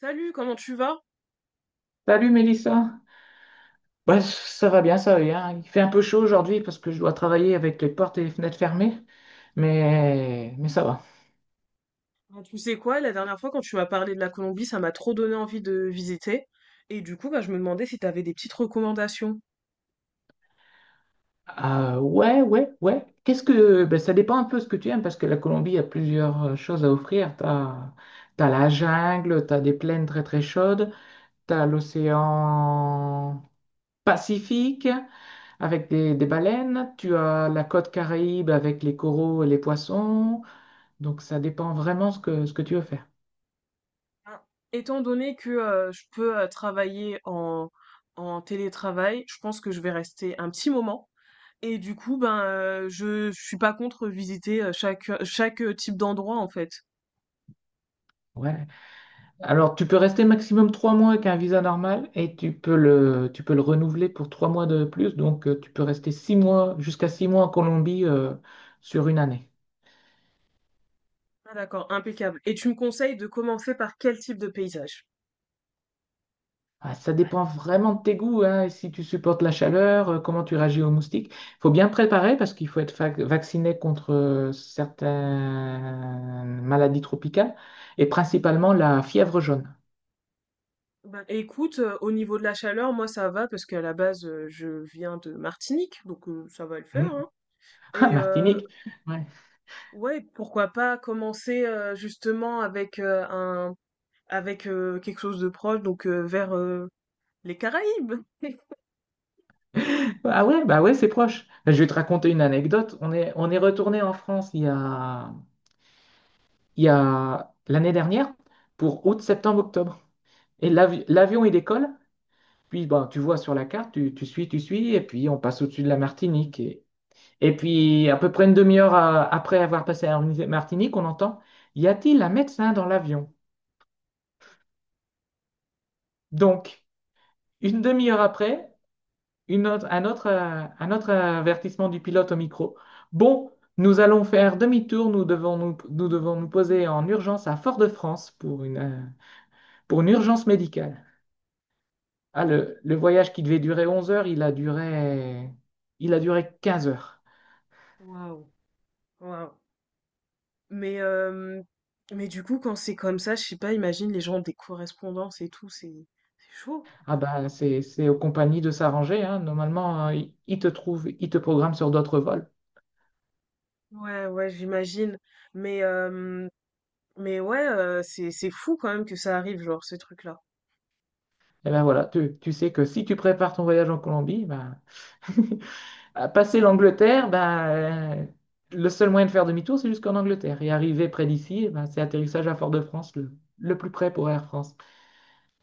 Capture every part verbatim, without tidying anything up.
Salut, comment tu vas? Salut Mélissa. Bah, ça va bien, ça va bien. Il fait un peu chaud aujourd'hui parce que je dois travailler avec les portes et les fenêtres fermées, mais, mais ça va. Bon, tu sais quoi, la dernière fois quand tu m'as parlé de la Colombie, ça m'a trop donné envie de visiter. Et du coup, bah, je me demandais si tu avais des petites recommandations. Ah, ouais, ouais, ouais. Qu'est-ce que... bah, ça dépend un peu ce que tu aimes parce que la Colombie a plusieurs euh, choses à offrir. T'as, t'as la jungle, t'as des plaines très très chaudes, t'as l'océan Pacifique avec des, des baleines, tu as la côte Caraïbe avec les coraux et les poissons. Donc ça dépend vraiment ce que, ce que tu veux faire. Ben, étant donné que euh, je peux euh, travailler en, en télétravail, je pense que je vais rester un petit moment. Et du coup, ben, euh, je, je suis pas contre visiter euh, chaque, euh, chaque euh, type d'endroit en fait. Ouais. Alors, tu peux rester maximum trois mois avec un visa normal et tu peux le, tu peux le renouveler pour trois mois de plus. Donc, euh, tu peux rester six mois, jusqu'à six mois en Colombie euh, sur une année. Ah, d'accord, impeccable. Et tu me conseilles de commencer par quel type de paysage? Ah, ça dépend vraiment de tes goûts, hein, et si tu supportes la chaleur, euh, comment tu réagis aux moustiques. Il faut bien préparer parce qu'il faut être fac- vacciné contre euh, certaines maladies tropicales et principalement la fièvre jaune. Bah, écoute, euh, au niveau de la chaleur, moi ça va parce qu'à la base euh, je viens de Martinique, donc euh, ça va le Hmm. faire, hein. Ah, Et euh, Martinique. ouais, pourquoi pas commencer euh, justement avec euh, un avec euh, quelque chose de proche, donc euh, vers euh, les Caraïbes. Ah ouais, bah ouais, c'est proche. Bah, je vais te raconter une anecdote. On est, on est retourné en France il y a, il y a l'année dernière pour août, septembre, octobre. Et l'avi- l'avion, il décolle. Puis bon, tu vois sur la carte, tu, tu suis, tu suis, et puis on passe au-dessus de la Martinique. Et, et puis à peu près une demi-heure euh, après avoir passé la Martinique, on entend, y a-t-il un médecin dans l'avion? Donc, une demi-heure après, une autre- un autre, euh, un autre avertissement du pilote au micro. Bon, nous allons faire demi-tour, nous devons nous, nous devons nous poser en urgence à Fort-de-France pour une, euh, pour une urgence médicale. Ah, le, le voyage qui devait durer onze heures, il a duré, il a duré 15 heures. Waouh. Waouh. Mais euh, mais du coup quand c'est comme ça, je sais pas, imagine les gens ont des correspondances et tout, c'est c'est chaud. Ah ben, c'est, c'est aux compagnies de s'arranger, hein. Normalement, euh, ils ils te trouvent, ils te programment sur d'autres vols. Ouais, ouais, j'imagine. Mais euh, mais ouais, euh, c'est c'est fou quand même que ça arrive, genre ces trucs-là. Et ben voilà, tu, tu sais que si tu prépares ton voyage en Colombie, ben, à passer l'Angleterre, ben, le seul moyen de faire demi-tour, c'est jusqu'en Angleterre. Et arriver près d'ici, ben, c'est atterrissage à Fort-de-France, le, le plus près pour Air France.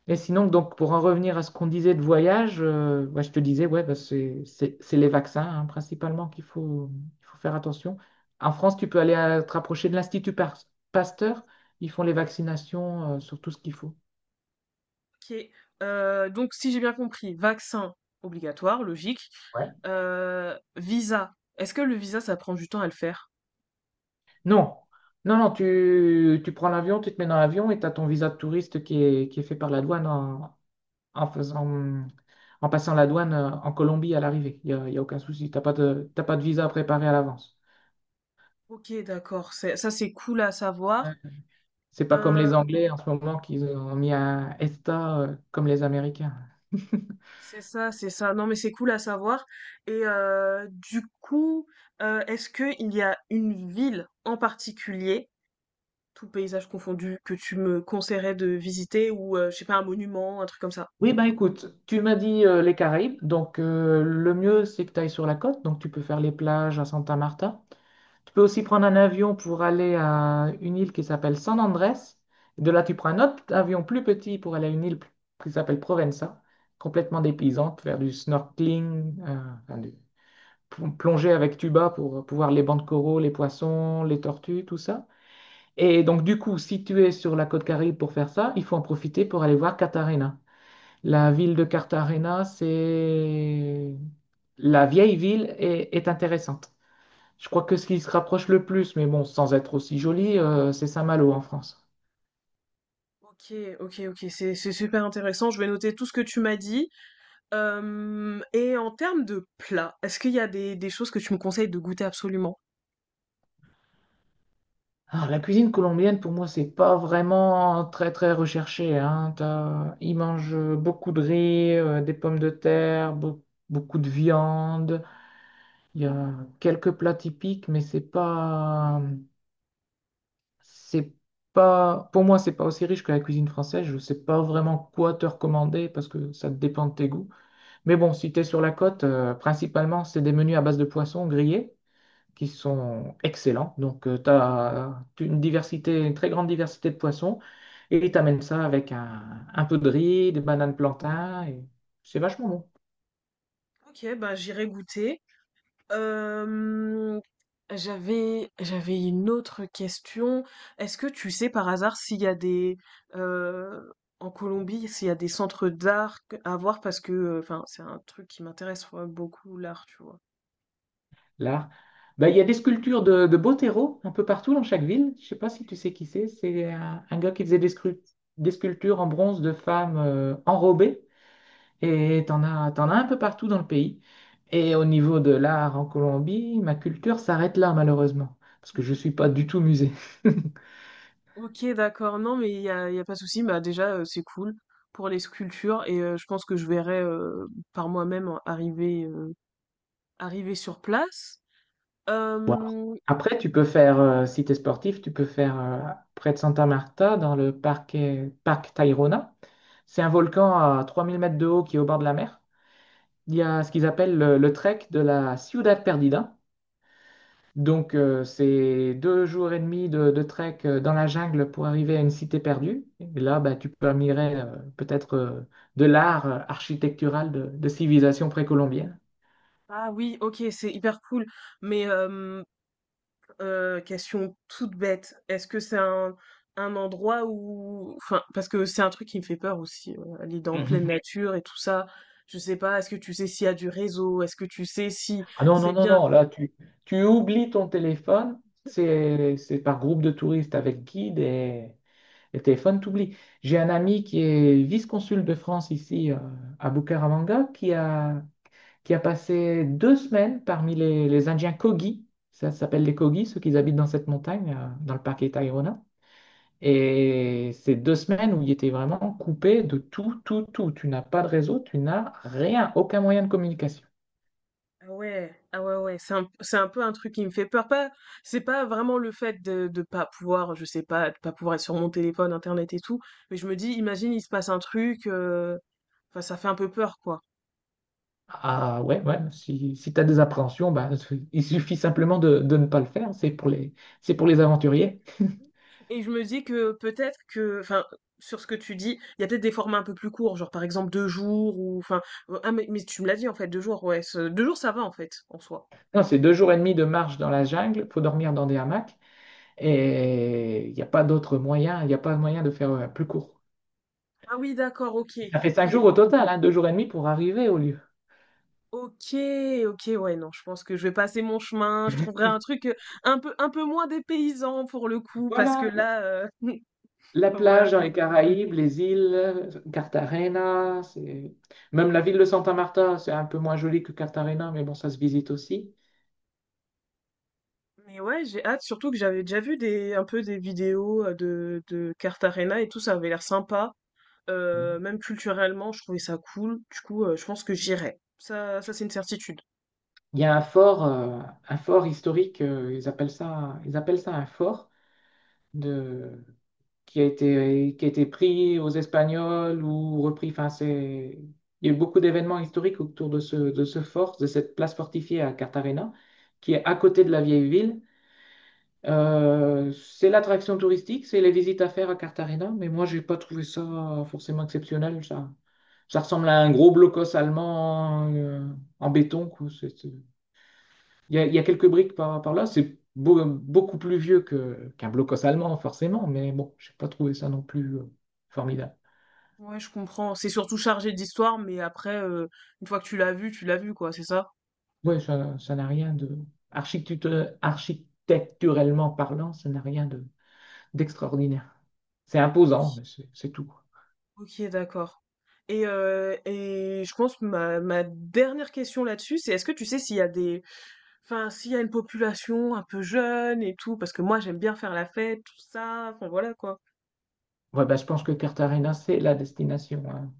Et sinon, donc, pour en revenir à ce qu'on disait de voyage, euh, ouais, je te disais, ouais, ben, c'est c'est- c'est les vaccins, hein, principalement, qu'il faut, il faut faire attention. En France, tu peux aller euh, te rapprocher de l'Institut Par- Pasteur. Ils font les vaccinations, euh, sur tout ce qu'il faut. OK, heu, donc si j'ai bien compris, vaccin obligatoire, logique. Ouais. Heu, visa, est-ce que le visa, ça prend du temps à le faire? Non, non, non, tu, tu prends l'avion, tu te mets dans l'avion et tu as ton visa de touriste qui est, qui est fait par la douane en, en faisant, en passant la douane euh, en Colombie à l'arrivée. Il n'y a, y a aucun souci. T'as pas de, t'as pas de visa à préparer à l'avance. OK, d'accord, c'est ça, c'est cool à Ouais. savoir. C'est pas comme Euh, les Anglais en ce moment qu'ils ont mis un ESTA euh, comme les Américains. C'est ça, c'est ça. Non, mais c'est cool à savoir. Et euh, du coup, euh, est-ce qu'il y a une ville en particulier, tout paysage confondu, que tu me conseillerais de visiter ou, euh, je sais pas, un monument, un truc comme ça? Oui, ben écoute, tu m'as dit euh, les Caraïbes, donc euh, le mieux c'est que tu ailles sur la côte, donc tu peux faire les plages à Santa Marta. Tu peux aussi prendre un avion pour aller à une île qui s'appelle San Andrés. De là, tu prends un autre avion plus petit pour aller à une île p- qui s'appelle Provenza, complètement dépaysante, faire du snorkeling, euh, enfin, du- pl- plonger avec tuba pour pouvoir les bancs de coraux, les poissons, les tortues, tout ça. Et donc, du coup, si tu es sur la côte Caraïbe pour faire ça, il faut en profiter pour aller voir Cartagena. La ville de Cartagena, c'est... La vieille ville est est intéressante. Je crois que ce qui se rapproche le plus, mais bon, sans être aussi joli, euh, c'est Saint-Malo en France. Ok, ok, ok, c'est c'est super intéressant. Je vais noter tout ce que tu m'as dit. Euh, et en termes de plats, est-ce qu'il y a des, des choses que tu me conseilles de goûter absolument? Alors, la cuisine colombienne, pour moi, c'est pas vraiment très très recherché, hein. T'as- Ils mangent beaucoup de riz, euh, des pommes de terre, beau- beaucoup de viande. Il y a quelques plats typiques, mais c'est pas C'est pas, pour moi, c'est pas aussi riche que la cuisine française. Je sais pas vraiment quoi te recommander parce que ça dépend de tes goûts. Mais bon, si tu es sur la côte, euh, principalement, c'est des menus à base de poissons grillés qui sont excellents. Donc, tu as une diversité, une très grande diversité de poissons et tu amènes ça avec un, un peu de riz, des bananes plantains et c'est vachement bon. Ok, ben j'irai goûter. Hem, j'avais j'avais une autre question. Est-ce que tu sais par hasard s'il y a des heu, en Colombie, s'il y a des centres d'art à voir? Parce que, enfin, c'est un truc qui m'intéresse, ouais, beaucoup l'art, tu vois? L'art. Bah, il y a des sculptures de, de Botero un peu partout dans chaque ville. Je sais pas si tu sais qui c'est. C'est un, un gars qui faisait des, scru- des sculptures en bronze de femmes euh, enrobées. Et t'en as, t'en as un peu partout dans le pays. Et au niveau de l'art en Colombie, ma culture s'arrête là, malheureusement. Parce que je suis pas du tout musée. OK, d'accord. Non, mais il y a il y a pas de souci. Bah, déjà, heu, c'est cool pour les sculptures et heu, je pense que je verrai, heu, par moi-même arriver, heu, arriver sur place. Voilà. Hem, Après, tu peux faire, euh, si tu es sportif, tu peux faire euh, près de Santa Marta, dans le parc, parc Tayrona. C'est un volcan à trois mille mètres de haut qui est au bord de la mer. Il y a ce qu'ils appellent le, le trek de la Ciudad Perdida. Donc, euh, c'est deux jours et demi de, de trek euh, dans la jungle pour arriver à une cité perdue. Et là, bah, tu peux admirer euh, peut-être euh, de l'art euh, architectural de, de civilisation précolombienne. ah oui, OK, c'est hyper cool, mais hem heu, question toute bête, est-ce que c'est un un endroit où enfin, parce que c'est un truc qui me fait peur aussi, heu, aller dans pleine Mmh. Mhm. nature et tout ça. Je sais pas, est-ce que tu sais s'il y a du réseau? Est-ce que tu sais si Ah non, c'est non, non, bien non, là, tu, tu oublies ton téléphone. C'est, c'est par groupe de touristes avec guide et, et téléphone, t'oublies. J'ai un ami qui est vice-consul de France ici euh, à Bucaramanga qui a qui a passé deux semaines parmi les, les Indiens Kogi. Ça s'appelle les Kogi, ceux qui habitent dans cette montagne, euh, dans le parc Tayrona. Et c'est deux semaines où il était vraiment coupé de tout, tout, tout. Tu n'as pas de réseau, tu n'as rien, aucun moyen de communication. ah ouais, ah ouais, ouais, c'est un c'est un peu un truc qui me fait peur. Pas c'est pas vraiment le fait de de pas pouvoir, je sais pas, de pas pouvoir être sur mon téléphone, internet et tout, mais je me dis: «Imagine, il se passe un truc», heu, enfin ça fait un peu peur, quoi. Ah ouais, ouais, si, si, tu as des appréhensions, bah, il suffit simplement de, de ne pas le faire. C'est pour les, c'est pour les aventuriers. Et je me dis que peut-être que, enfin, sur ce que tu dis, il y a peut-être des formats un peu plus courts, genre par exemple deux jours ou, enfin, euh, ah mais, mais tu me l'as dit en fait, deux jours, ouais, ce- deux jours ça va en fait, en soi. Non, c'est deux jours et demi de marche dans la jungle, faut dormir dans des hamacs. Et il n'y a pas d'autre moyen, il n'y a pas de moyen de faire euh, plus court. Ah oui, d'accord, ok, Ça fait ok, cinq jours au total, hein, deux jours et demi pour arriver au lieu. ok, ok, ouais, non, je pense que je vais passer mon chemin, je trouverai un truc euh, un peu, un peu moins dépaysant pour le coup, parce que Voilà, la là, euh, la voilà plage dans quoi. les Caraïbes, les îles, Cartagena, c'est... Même la ville de Santa Marta, c'est un peu moins joli que Cartagena, mais bon, ça se visite aussi. Mais ouais, j'ai hâte, surtout que j'avais déjà vu des, un peu des vidéos euh, de, de Carte Arena et tout, ça avait l'air sympa. Heu, Mm. même culturellement, je trouvais ça cool. Du coup, heu, je pense que j'irai. Ça ça, c'est une certitude. Il y a un fort, euh, un fort historique, euh, ils appellent ça, ils appellent ça un fort de... qui a été, qui a été pris aux Espagnols ou repris. Enfin, c'est... Il y a eu beaucoup d'événements historiques autour de ce, de ce, fort, de cette place fortifiée à Cartagena, qui est à côté de la vieille ville. Euh, c'est l'attraction touristique, c'est les visites à faire à Cartagena, mais moi, j'ai pas trouvé ça forcément exceptionnel. Ça, ça ressemble à un gros blocos allemand euh, en béton, quoi. C'est- c'est- Il y a, il y a quelques briques par, par là. C'est beau- beaucoup plus vieux que, qu'un blocos allemand, forcément, mais bon, j'ai pas trouvé ça non plus euh, formidable. Ouais, je comprends. C'est surtout chargé d'histoire, mais après, heu, une fois que tu l'as vu, tu l'as vu, quoi, c'est ça? Ouais, ça, ça n'a rien de... architectu- Architecturellement parlant, ça n'a rien de d'extraordinaire. C'est imposant, mais OK. c'est c'est tout. OK, d'accord. Et heu et je pense que ma ma dernière question là-dessus, c'est est-ce que tu sais s'il y a des enfin, s'il y a une population un peu jeune et tout? Parce que moi, j'aime bien faire la fête, tout ça, enfin, voilà, quoi. Ouais, bah, je pense que Cartagena, c'est la destination, hein.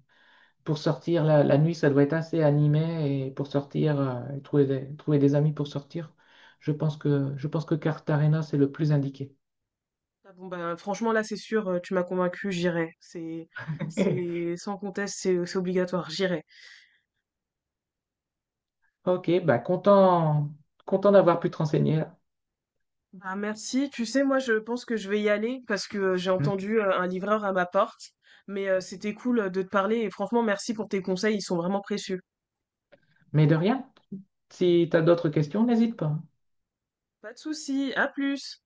Pour sortir la, la nuit, ça doit être assez animé et pour sortir, euh, et trouver des, trouver des amis pour sortir, je pense que, je pense que Cartagena, c'est le plus indiqué. Ah bon, ben, franchement, là, c'est sûr, heu, tu m'as convaincu j'irai. C'est c'est sans conteste, c'est c'est obligatoire, j'irai. Ok, bah content, content d'avoir pu te renseigner, là. Bah, merci. Tu sais, moi, je pense que je vais y aller parce que euh, j'ai Mm. entendu euh, un livreur à ma porte. Mais euh, c'était cool euh, de te parler et franchement, merci pour tes conseils, ils sont vraiment précieux. Mais de rien, si tu as d'autres questions, n'hésite pas. Pas de souci, à plus.